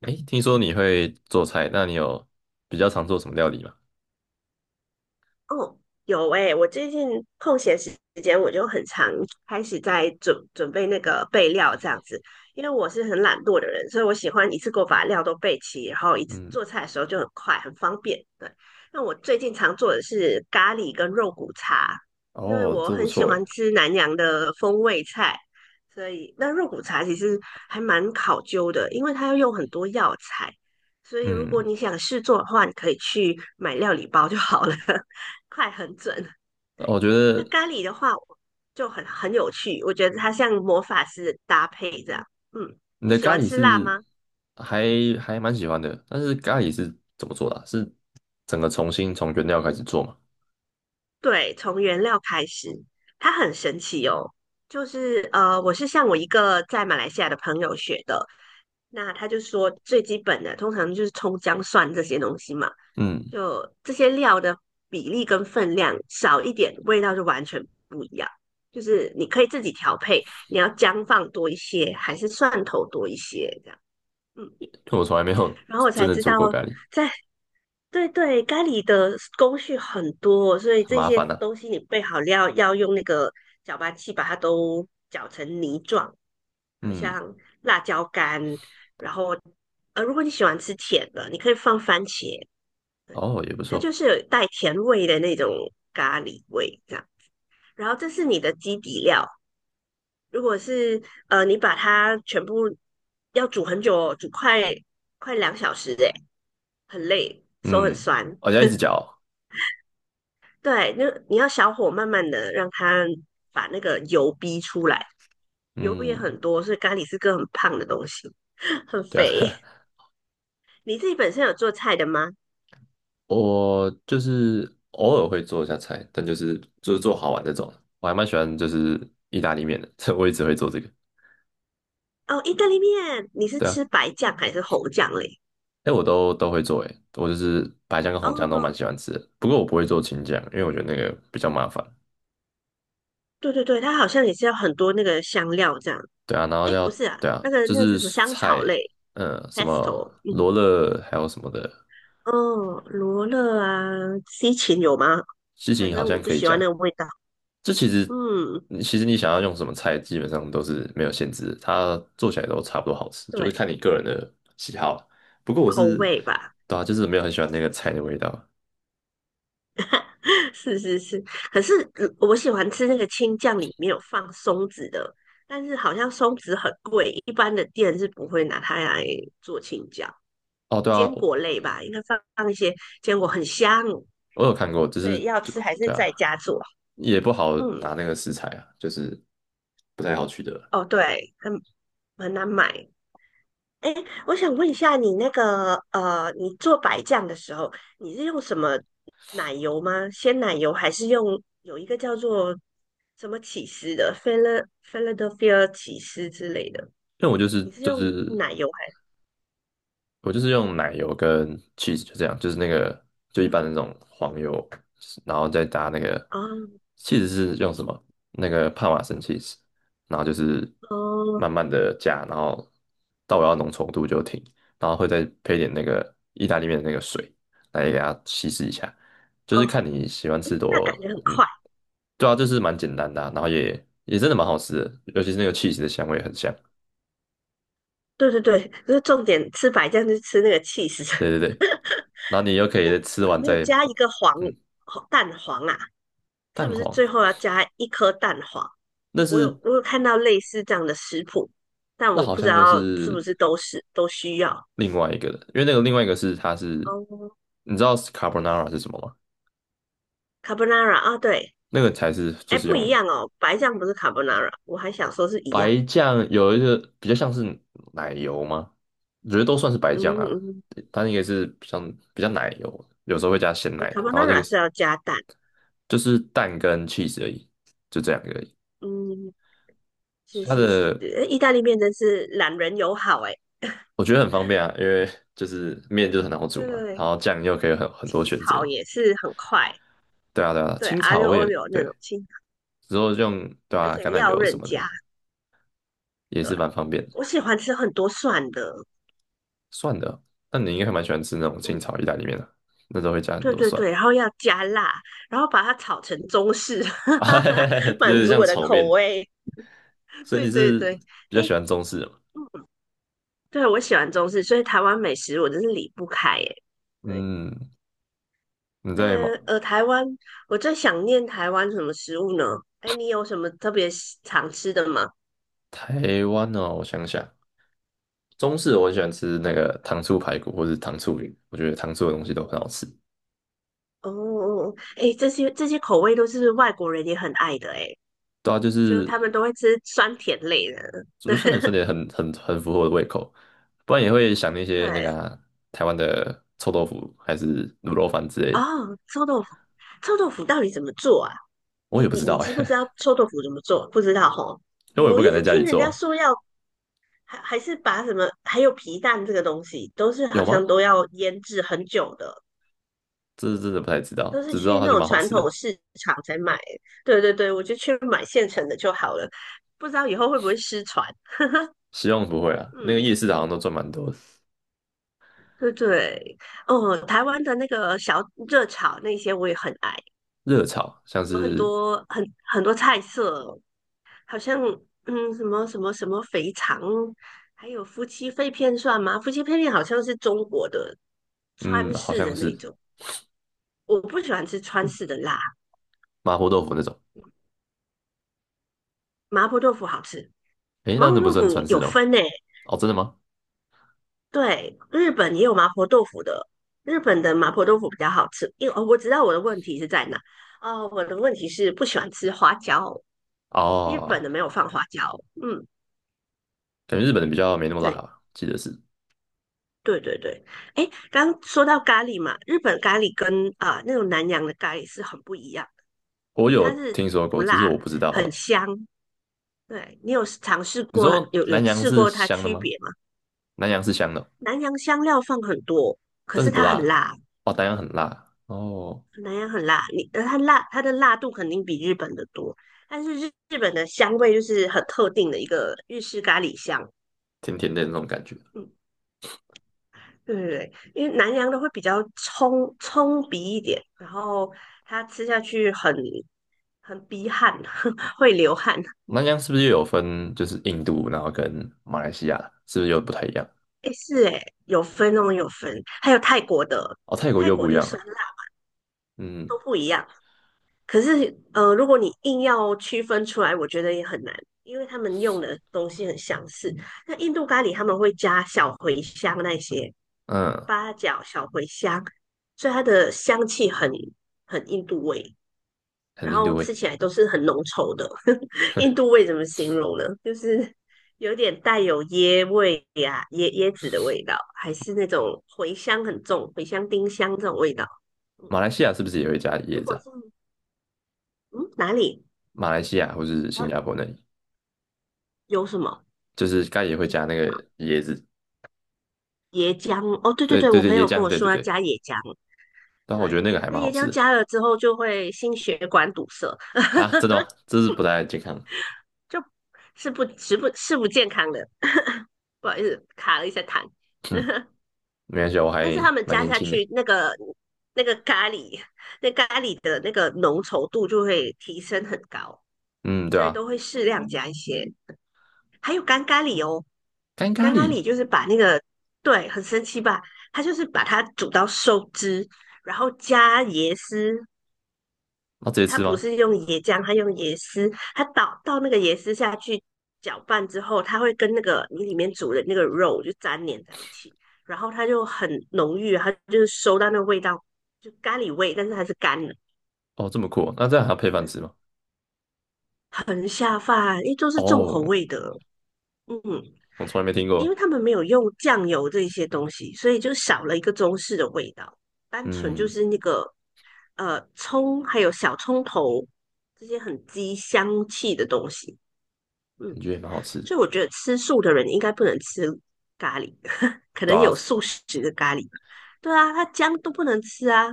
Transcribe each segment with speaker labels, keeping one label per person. Speaker 1: 哎，听说你会做菜，那你有比较常做什么料理吗？
Speaker 2: 哦，有诶，我最近空闲时间我就很常开始在准备那个备料这样子，因为我是很懒惰的人，所以我喜欢一次过把料都备齐，然后一次
Speaker 1: 嗯。
Speaker 2: 做菜的时候就很快，很方便。对，那我最近常做的是咖喱跟肉骨茶，因为
Speaker 1: 哦，
Speaker 2: 我
Speaker 1: 都不
Speaker 2: 很喜
Speaker 1: 错诶。
Speaker 2: 欢吃南洋的风味菜，所以那肉骨茶其实还蛮考究的，因为它要用很多药材，所以如果
Speaker 1: 嗯，
Speaker 2: 你想试做的话，你可以去买料理包就好了。快很准。对，
Speaker 1: 我觉得
Speaker 2: 那咖喱的话就很有趣，我觉得它像魔法师的搭配这样。嗯，
Speaker 1: 你
Speaker 2: 你
Speaker 1: 的
Speaker 2: 喜
Speaker 1: 咖
Speaker 2: 欢
Speaker 1: 喱
Speaker 2: 吃辣
Speaker 1: 是
Speaker 2: 吗？
Speaker 1: 还还蛮喜欢的，但是咖喱是怎么做的啊？是整个重新从原料开始做吗？
Speaker 2: 对，从原料开始，它很神奇哦。就是,我是向我一个在马来西亚的朋友学的，那他就说最基本的，通常就是葱姜蒜这些东西嘛。
Speaker 1: 嗯，
Speaker 2: 就这些料的比例跟分量少一点，味道就完全不一样。就是你可以自己调配，你要姜放多一些，还是蒜头多一些这样。嗯，
Speaker 1: 因为我从来没有
Speaker 2: 然后我
Speaker 1: 真
Speaker 2: 才
Speaker 1: 的
Speaker 2: 知
Speaker 1: 做
Speaker 2: 道
Speaker 1: 过咖喱，
Speaker 2: 在，对，咖喱的工序很多，所以
Speaker 1: 很
Speaker 2: 这
Speaker 1: 麻
Speaker 2: 些
Speaker 1: 烦啊。
Speaker 2: 东西你备好料要用那个搅拌器把它都搅成泥状，好
Speaker 1: 嗯。
Speaker 2: 像辣椒干。然后，如果你喜欢吃甜的，你可以放番茄，
Speaker 1: 哦，也不
Speaker 2: 它
Speaker 1: 错。
Speaker 2: 就是有带甜味的那种咖喱味这样。然后这是你的基底料，如果是你把它全部要煮很久哦，煮快2小时哎，很累，手很
Speaker 1: 嗯，
Speaker 2: 酸。
Speaker 1: 我、哦、要一直搅哦。
Speaker 2: 对，那你要小火慢慢的让它把那个油逼出来，油也很
Speaker 1: 嗯，
Speaker 2: 多，所以咖喱是个很胖的东西，很
Speaker 1: 对啊。
Speaker 2: 肥。你自己本身有做菜的吗？
Speaker 1: 我就是偶尔会做一下菜，但就是做好玩这种。我还蛮喜欢就是意大利面的，我一直会做这个。
Speaker 2: 哦，意大利面，你是
Speaker 1: 对啊，
Speaker 2: 吃白酱还是红酱嘞？
Speaker 1: 哎，我都会做，哎，我就是白酱跟红酱都蛮
Speaker 2: 哦，
Speaker 1: 喜欢吃的。不过我不会做青酱，因为我觉得那个比较麻烦。
Speaker 2: 对对对，它好像也是要很多那个香料这样。
Speaker 1: 对啊，然后
Speaker 2: 哎，
Speaker 1: 要
Speaker 2: 不是
Speaker 1: 对
Speaker 2: 啊，
Speaker 1: 啊，
Speaker 2: 那个
Speaker 1: 就
Speaker 2: 那个叫
Speaker 1: 是
Speaker 2: 什么
Speaker 1: 蔬
Speaker 2: 香草
Speaker 1: 菜，
Speaker 2: 类
Speaker 1: 嗯，什么
Speaker 2: ，pesto,嗯
Speaker 1: 罗勒还有什么的，
Speaker 2: 哦，罗勒啊，西芹有吗？
Speaker 1: 西
Speaker 2: 反
Speaker 1: 芹好
Speaker 2: 正我
Speaker 1: 像
Speaker 2: 不
Speaker 1: 可以
Speaker 2: 喜欢那个
Speaker 1: 加。
Speaker 2: 味道。
Speaker 1: 这其实，
Speaker 2: 嗯，
Speaker 1: 你其实想要用什么菜，基本上都是没有限制的，它做起来都差不多好吃，就是
Speaker 2: 对，
Speaker 1: 看你个人的喜好了。不过我
Speaker 2: 口
Speaker 1: 是，
Speaker 2: 味吧，
Speaker 1: 对啊，就是没有很喜欢那个菜的味道。
Speaker 2: 是是是。可是我喜欢吃那个青酱，里面有放松子的，但是好像松子很贵，一般的店是不会拿它来做青酱。
Speaker 1: 哦，对啊，
Speaker 2: 坚果
Speaker 1: 我
Speaker 2: 类吧，应该放一些坚果，很香，
Speaker 1: 我有看过，就
Speaker 2: 所
Speaker 1: 是
Speaker 2: 以要
Speaker 1: 就
Speaker 2: 吃还是
Speaker 1: 对
Speaker 2: 在
Speaker 1: 啊，
Speaker 2: 家做。
Speaker 1: 也不好拿
Speaker 2: 嗯。
Speaker 1: 那个食材啊，就是不太好取得。
Speaker 2: 哦，对，很难买。哎，我想问一下，你那个你做白酱的时候，你是用什么奶油吗？鲜奶油还是用有一个叫做什么起司的，Philadelphia 起司之类的？
Speaker 1: 因为我就是
Speaker 2: 你是
Speaker 1: 就
Speaker 2: 用
Speaker 1: 是
Speaker 2: 奶油还？
Speaker 1: 我就是用奶油跟 cheese，就这样，就是那个，就一般的那种黄油，然后再搭那个。
Speaker 2: 哦
Speaker 1: cheese 是用什么？那个帕玛森 cheese，然后就是
Speaker 2: 哦
Speaker 1: 慢慢的加，然后到我要浓稠度就停，然后会再配点那个意大利面的那个水来给它稀释一下，就是
Speaker 2: 哦，
Speaker 1: 看你喜欢
Speaker 2: 哎，
Speaker 1: 吃
Speaker 2: 那感
Speaker 1: 多，
Speaker 2: 觉很
Speaker 1: 嗯，
Speaker 2: 快。
Speaker 1: 对啊，就是蛮简单的啊，然后也真的蛮好吃的，尤其是那个 cheese 的香味很香，
Speaker 2: 对对对，就是重点吃白酱就是吃那个起司。
Speaker 1: 对对对，然后你又可以
Speaker 2: 你
Speaker 1: 吃
Speaker 2: 有
Speaker 1: 完
Speaker 2: 没有
Speaker 1: 再。
Speaker 2: 加一个黄
Speaker 1: 嗯。
Speaker 2: 蛋黄啊？是
Speaker 1: 蛋
Speaker 2: 不是
Speaker 1: 黄，
Speaker 2: 最后要加一颗蛋黄？
Speaker 1: 那
Speaker 2: 我有
Speaker 1: 是。
Speaker 2: 我有看到类似这样的食谱，但
Speaker 1: 那
Speaker 2: 我
Speaker 1: 好
Speaker 2: 不知
Speaker 1: 像又
Speaker 2: 道是不
Speaker 1: 是
Speaker 2: 是都需要。
Speaker 1: 另外一个的，因为那个另外一个是它是，
Speaker 2: 哦
Speaker 1: 你知道 carbonara 是什么吗？
Speaker 2: ，carbonara 啊，对，
Speaker 1: 那个才是就
Speaker 2: 哎，
Speaker 1: 是
Speaker 2: 不一
Speaker 1: 用
Speaker 2: 样哦，白酱不是 carbonara,我还想说是一样。
Speaker 1: 白酱，有一个比较像是奶油吗？我觉得都算是白
Speaker 2: 嗯
Speaker 1: 酱啊，
Speaker 2: 嗯
Speaker 1: 它那个是比较奶油，有时候会加鲜奶的，然后这个
Speaker 2: carbonara 是
Speaker 1: 是
Speaker 2: 要加蛋。
Speaker 1: 就是蛋跟 cheese 而已，就这两个而已。
Speaker 2: 嗯，是
Speaker 1: 它
Speaker 2: 是是，
Speaker 1: 的，
Speaker 2: 哎意大利面真是懒人友好哎。
Speaker 1: 我觉得很方便啊，因为就是面就是很好煮
Speaker 2: 对
Speaker 1: 嘛，
Speaker 2: 对对，
Speaker 1: 然后酱又可以很
Speaker 2: 清
Speaker 1: 多选择。
Speaker 2: 炒也是很快，
Speaker 1: 对啊，对啊，
Speaker 2: 对
Speaker 1: 青
Speaker 2: a
Speaker 1: 草
Speaker 2: 六
Speaker 1: 我也
Speaker 2: l 六那种
Speaker 1: 对，
Speaker 2: 清炒，
Speaker 1: 之后就用对
Speaker 2: 而
Speaker 1: 啊，
Speaker 2: 且
Speaker 1: 橄榄
Speaker 2: 料
Speaker 1: 油什
Speaker 2: 任
Speaker 1: 么的
Speaker 2: 加。
Speaker 1: 也
Speaker 2: 对，
Speaker 1: 是蛮方便的。
Speaker 2: 我喜欢吃很多蒜的。
Speaker 1: 蒜的，那你应该还蛮喜欢吃那种清
Speaker 2: 嗯，
Speaker 1: 炒意大利面的，那时候会加很
Speaker 2: 对
Speaker 1: 多
Speaker 2: 对
Speaker 1: 蒜，
Speaker 2: 对，然后要加辣，然后把它炒成中式，
Speaker 1: 啊，哈哈 哈，有
Speaker 2: 满
Speaker 1: 点
Speaker 2: 足
Speaker 1: 像
Speaker 2: 我的
Speaker 1: 炒
Speaker 2: 口
Speaker 1: 面。
Speaker 2: 味。
Speaker 1: 所以
Speaker 2: 对
Speaker 1: 你
Speaker 2: 对
Speaker 1: 是
Speaker 2: 对，
Speaker 1: 比较
Speaker 2: 哎，
Speaker 1: 喜欢中式的吗？
Speaker 2: 嗯对，我喜欢中式，所以台湾美食我真是离不开哎。对，
Speaker 1: 嗯，你
Speaker 2: 但
Speaker 1: 在吗？
Speaker 2: 台湾我最想念台湾什么食物呢？哎，你有什么特别喜常吃的吗？
Speaker 1: 台湾哦，我想想，中式我很喜欢吃那个糖醋排骨或是糖醋鱼，我觉得糖醋的东西都很好吃。
Speaker 2: 哦哦，哦哎，这些口味都是外国人也很爱的哎，
Speaker 1: 对啊，就
Speaker 2: 就
Speaker 1: 是
Speaker 2: 他们都会吃酸甜类的。
Speaker 1: 我觉得酸碱 酸甜很符合我的胃口，不然也会想那些那
Speaker 2: 对，
Speaker 1: 个啊台湾的臭豆腐还是卤肉饭之类的。
Speaker 2: 哦，臭豆腐，臭豆腐到底怎么做啊？
Speaker 1: 我
Speaker 2: 你
Speaker 1: 也不
Speaker 2: 你
Speaker 1: 知道
Speaker 2: 你知不知道
Speaker 1: 哎，
Speaker 2: 臭豆腐怎么做？不知道吼，
Speaker 1: 因为我也
Speaker 2: 我
Speaker 1: 不
Speaker 2: 一
Speaker 1: 敢在
Speaker 2: 直
Speaker 1: 家里
Speaker 2: 听人家
Speaker 1: 做，
Speaker 2: 说要还是把什么，还有皮蛋这个东西，都是
Speaker 1: 有
Speaker 2: 好像
Speaker 1: 吗？
Speaker 2: 都要腌制很久的，
Speaker 1: 这是真的不太知道，
Speaker 2: 都是
Speaker 1: 只知道
Speaker 2: 去
Speaker 1: 它
Speaker 2: 那
Speaker 1: 就
Speaker 2: 种
Speaker 1: 蛮好
Speaker 2: 传
Speaker 1: 吃
Speaker 2: 统
Speaker 1: 的。
Speaker 2: 市场才买。对对对，我就去买现成的就好了。不知道以后会不会失传？
Speaker 1: 希望不会啊，那个
Speaker 2: 嗯，
Speaker 1: 夜市好像都赚蛮多的。
Speaker 2: 对对，哦，台湾的那个小热炒那些我也很爱，
Speaker 1: 热炒像
Speaker 2: 有很
Speaker 1: 是，
Speaker 2: 多很多菜色，好像嗯什么肥肠，还有夫妻肺片算吗？夫妻肺片好像是中国的
Speaker 1: 嗯，
Speaker 2: 川
Speaker 1: 好
Speaker 2: 式
Speaker 1: 像
Speaker 2: 的那
Speaker 1: 是
Speaker 2: 种，我不喜欢吃川式的辣。
Speaker 1: 麻婆豆腐那种。
Speaker 2: 麻婆豆腐好吃，
Speaker 1: 诶，
Speaker 2: 麻
Speaker 1: 那那
Speaker 2: 婆
Speaker 1: 不
Speaker 2: 豆
Speaker 1: 算
Speaker 2: 腐
Speaker 1: 川式
Speaker 2: 有
Speaker 1: 的吗？
Speaker 2: 分诶、
Speaker 1: 哦，真的吗？
Speaker 2: 对，日本也有麻婆豆腐的，日本的麻婆豆腐比较好吃。因为哦，我知道我的问题是在哪，哦，我的问题是不喜欢吃花椒，日本
Speaker 1: 哦，
Speaker 2: 的没有放花椒，嗯，
Speaker 1: 感觉日本的比较没那么辣
Speaker 2: 对。
Speaker 1: 吧，记得是。
Speaker 2: 对对对，哎，刚说到咖喱嘛，日本咖喱跟啊、那种南洋的咖喱是很不一样的
Speaker 1: 我有
Speaker 2: 它是
Speaker 1: 听说
Speaker 2: 不
Speaker 1: 过，只
Speaker 2: 辣，
Speaker 1: 是我不知
Speaker 2: 很
Speaker 1: 道。
Speaker 2: 香。对，你有尝试
Speaker 1: 你
Speaker 2: 过，
Speaker 1: 说
Speaker 2: 有
Speaker 1: 南洋
Speaker 2: 试
Speaker 1: 是
Speaker 2: 过它
Speaker 1: 香的
Speaker 2: 区
Speaker 1: 吗？
Speaker 2: 别吗？
Speaker 1: 南洋是香的哦，
Speaker 2: 南洋香料放很多，可
Speaker 1: 但是
Speaker 2: 是
Speaker 1: 不
Speaker 2: 它
Speaker 1: 辣
Speaker 2: 很
Speaker 1: 啊。
Speaker 2: 辣，
Speaker 1: 哦，南洋很辣，哦，
Speaker 2: 南洋很辣，你它辣，它的辣度肯定比日本的多，但是日本的香味就是很特定的一个日式咖喱香。
Speaker 1: 甜甜的那种感觉。
Speaker 2: 嗯，对对对，因为南洋的会比较冲鼻一点，然后它吃下去很逼汗，会流汗。
Speaker 1: 南这样是不是又有分，就是印度，然后跟马来西亚，是不是又不太一样？
Speaker 2: 诶，是诶，有分哦，有分。还有泰国的，
Speaker 1: 哦，泰国
Speaker 2: 泰
Speaker 1: 又
Speaker 2: 国
Speaker 1: 不一
Speaker 2: 就是
Speaker 1: 样了。
Speaker 2: 酸辣
Speaker 1: 嗯
Speaker 2: 都不一样。可是如果你硬要区分出来，我觉得也很难，因为他们用的东西很相似。那印度咖喱他们会加小茴香那些
Speaker 1: 嗯，
Speaker 2: 八角、小茴香，所以它的香气很很印度味。
Speaker 1: 很
Speaker 2: 然
Speaker 1: 印度
Speaker 2: 后
Speaker 1: 味。
Speaker 2: 吃起来都是很浓稠的。印度味怎么形容呢？就是有点带有椰味呀、啊椰子的味道，还是那种茴香很重、茴香、丁香这种味道。嗯，
Speaker 1: 马来西亚是不是也会加椰
Speaker 2: 如
Speaker 1: 子
Speaker 2: 果
Speaker 1: 啊？
Speaker 2: 是嗯哪里？
Speaker 1: 马来西亚或是
Speaker 2: 然
Speaker 1: 新
Speaker 2: 后
Speaker 1: 加坡那里，
Speaker 2: 有什么
Speaker 1: 就是该也会
Speaker 2: 椰
Speaker 1: 加那个椰子。
Speaker 2: 椰浆？哦，对对
Speaker 1: 对
Speaker 2: 对，
Speaker 1: 对
Speaker 2: 我
Speaker 1: 对，
Speaker 2: 朋
Speaker 1: 椰
Speaker 2: 友跟
Speaker 1: 浆，
Speaker 2: 我
Speaker 1: 对对
Speaker 2: 说要
Speaker 1: 对。
Speaker 2: 加椰浆，
Speaker 1: 但我觉得
Speaker 2: 对，
Speaker 1: 那个还
Speaker 2: 那
Speaker 1: 蛮好
Speaker 2: 椰
Speaker 1: 吃
Speaker 2: 浆
Speaker 1: 的。
Speaker 2: 加了之后就会心血管堵塞，
Speaker 1: 啊，真的吗？这是不太健康。
Speaker 2: 就是不不健康的。不好意思，卡了一下痰。
Speaker 1: 嗯，没关系啊，我
Speaker 2: 但是
Speaker 1: 还
Speaker 2: 他们
Speaker 1: 蛮
Speaker 2: 加
Speaker 1: 年
Speaker 2: 下
Speaker 1: 轻的。
Speaker 2: 去那个那个咖喱，那咖喱的那个浓稠度就会提升很高，
Speaker 1: 嗯，对
Speaker 2: 所以
Speaker 1: 啊，
Speaker 2: 都会适量加一些。还有干咖喱哦，
Speaker 1: 干咖
Speaker 2: 干咖喱
Speaker 1: 喱，
Speaker 2: 就是把那个，对，很神奇吧？它就是把它煮到收汁，然后加椰丝，
Speaker 1: 那直接
Speaker 2: 它
Speaker 1: 吃
Speaker 2: 不
Speaker 1: 吗？
Speaker 2: 是用椰浆，它用椰丝，它倒那个椰丝下去搅拌之后，它会跟那个你里面煮的那个肉就粘连在一起，然后它就很浓郁，它就是收到那个味道，就咖喱味，但是它是干的，
Speaker 1: 哦，这么酷哦，那这样还要配饭吃
Speaker 2: 嗯
Speaker 1: 吗？
Speaker 2: 很下饭，因为都是重口
Speaker 1: 哦，
Speaker 2: 味的，嗯，
Speaker 1: 我从来没听
Speaker 2: 因为
Speaker 1: 过。
Speaker 2: 他们没有用酱油这些东西，所以就少了一个中式的味道，单纯就
Speaker 1: 嗯，
Speaker 2: 是那个葱还有小葱头这些很激香气的东西，嗯。
Speaker 1: 感觉也蛮好吃的。
Speaker 2: 所以我觉得吃素的人应该不能吃咖喱，可
Speaker 1: 对
Speaker 2: 能
Speaker 1: 啊，
Speaker 2: 有素食的咖喱。对啊，他姜都不能吃啊，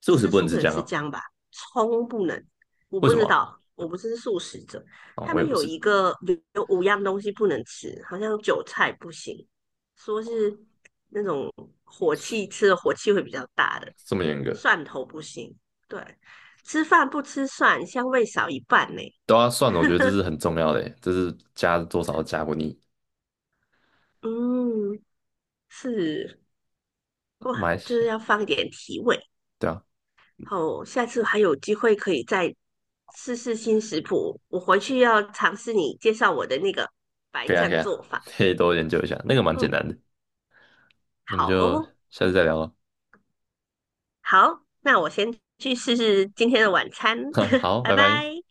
Speaker 1: 素食
Speaker 2: 吃
Speaker 1: 不能
Speaker 2: 素
Speaker 1: 吃
Speaker 2: 可能
Speaker 1: 姜
Speaker 2: 吃
Speaker 1: 啊？
Speaker 2: 姜吧，葱不能。我
Speaker 1: 为
Speaker 2: 不
Speaker 1: 什么
Speaker 2: 知
Speaker 1: 啊？
Speaker 2: 道，我不是素食者。
Speaker 1: 哦，
Speaker 2: 他
Speaker 1: 我也
Speaker 2: 们
Speaker 1: 不
Speaker 2: 有一
Speaker 1: 是
Speaker 2: 个有五样东西不能吃，好像韭菜不行，说是那种火气吃的火气会比较大的，
Speaker 1: 这么严格，
Speaker 2: 蒜头不行。对，吃饭不吃蒜，香味少一半呢。
Speaker 1: 都要算了。我觉得这是 很重要的耶，这是加多少加不腻。
Speaker 2: 嗯，是。
Speaker 1: 马
Speaker 2: 哇，
Speaker 1: 来
Speaker 2: 就
Speaker 1: 西
Speaker 2: 是
Speaker 1: 亚，
Speaker 2: 要放一点提味。
Speaker 1: 对啊，
Speaker 2: 好，下次还有机会可以再试试新食谱。我回
Speaker 1: 可以
Speaker 2: 去
Speaker 1: 啊，
Speaker 2: 要尝试你介绍我的那个白
Speaker 1: 可以
Speaker 2: 酱做
Speaker 1: 啊，
Speaker 2: 法。
Speaker 1: 可以多研究一下，那个蛮简
Speaker 2: 嗯，
Speaker 1: 单的。那我们
Speaker 2: 好
Speaker 1: 就
Speaker 2: 哦，
Speaker 1: 下次再聊了，
Speaker 2: 好，那我先去试试今天的晚餐，
Speaker 1: 好，
Speaker 2: 拜
Speaker 1: 拜拜。
Speaker 2: 拜。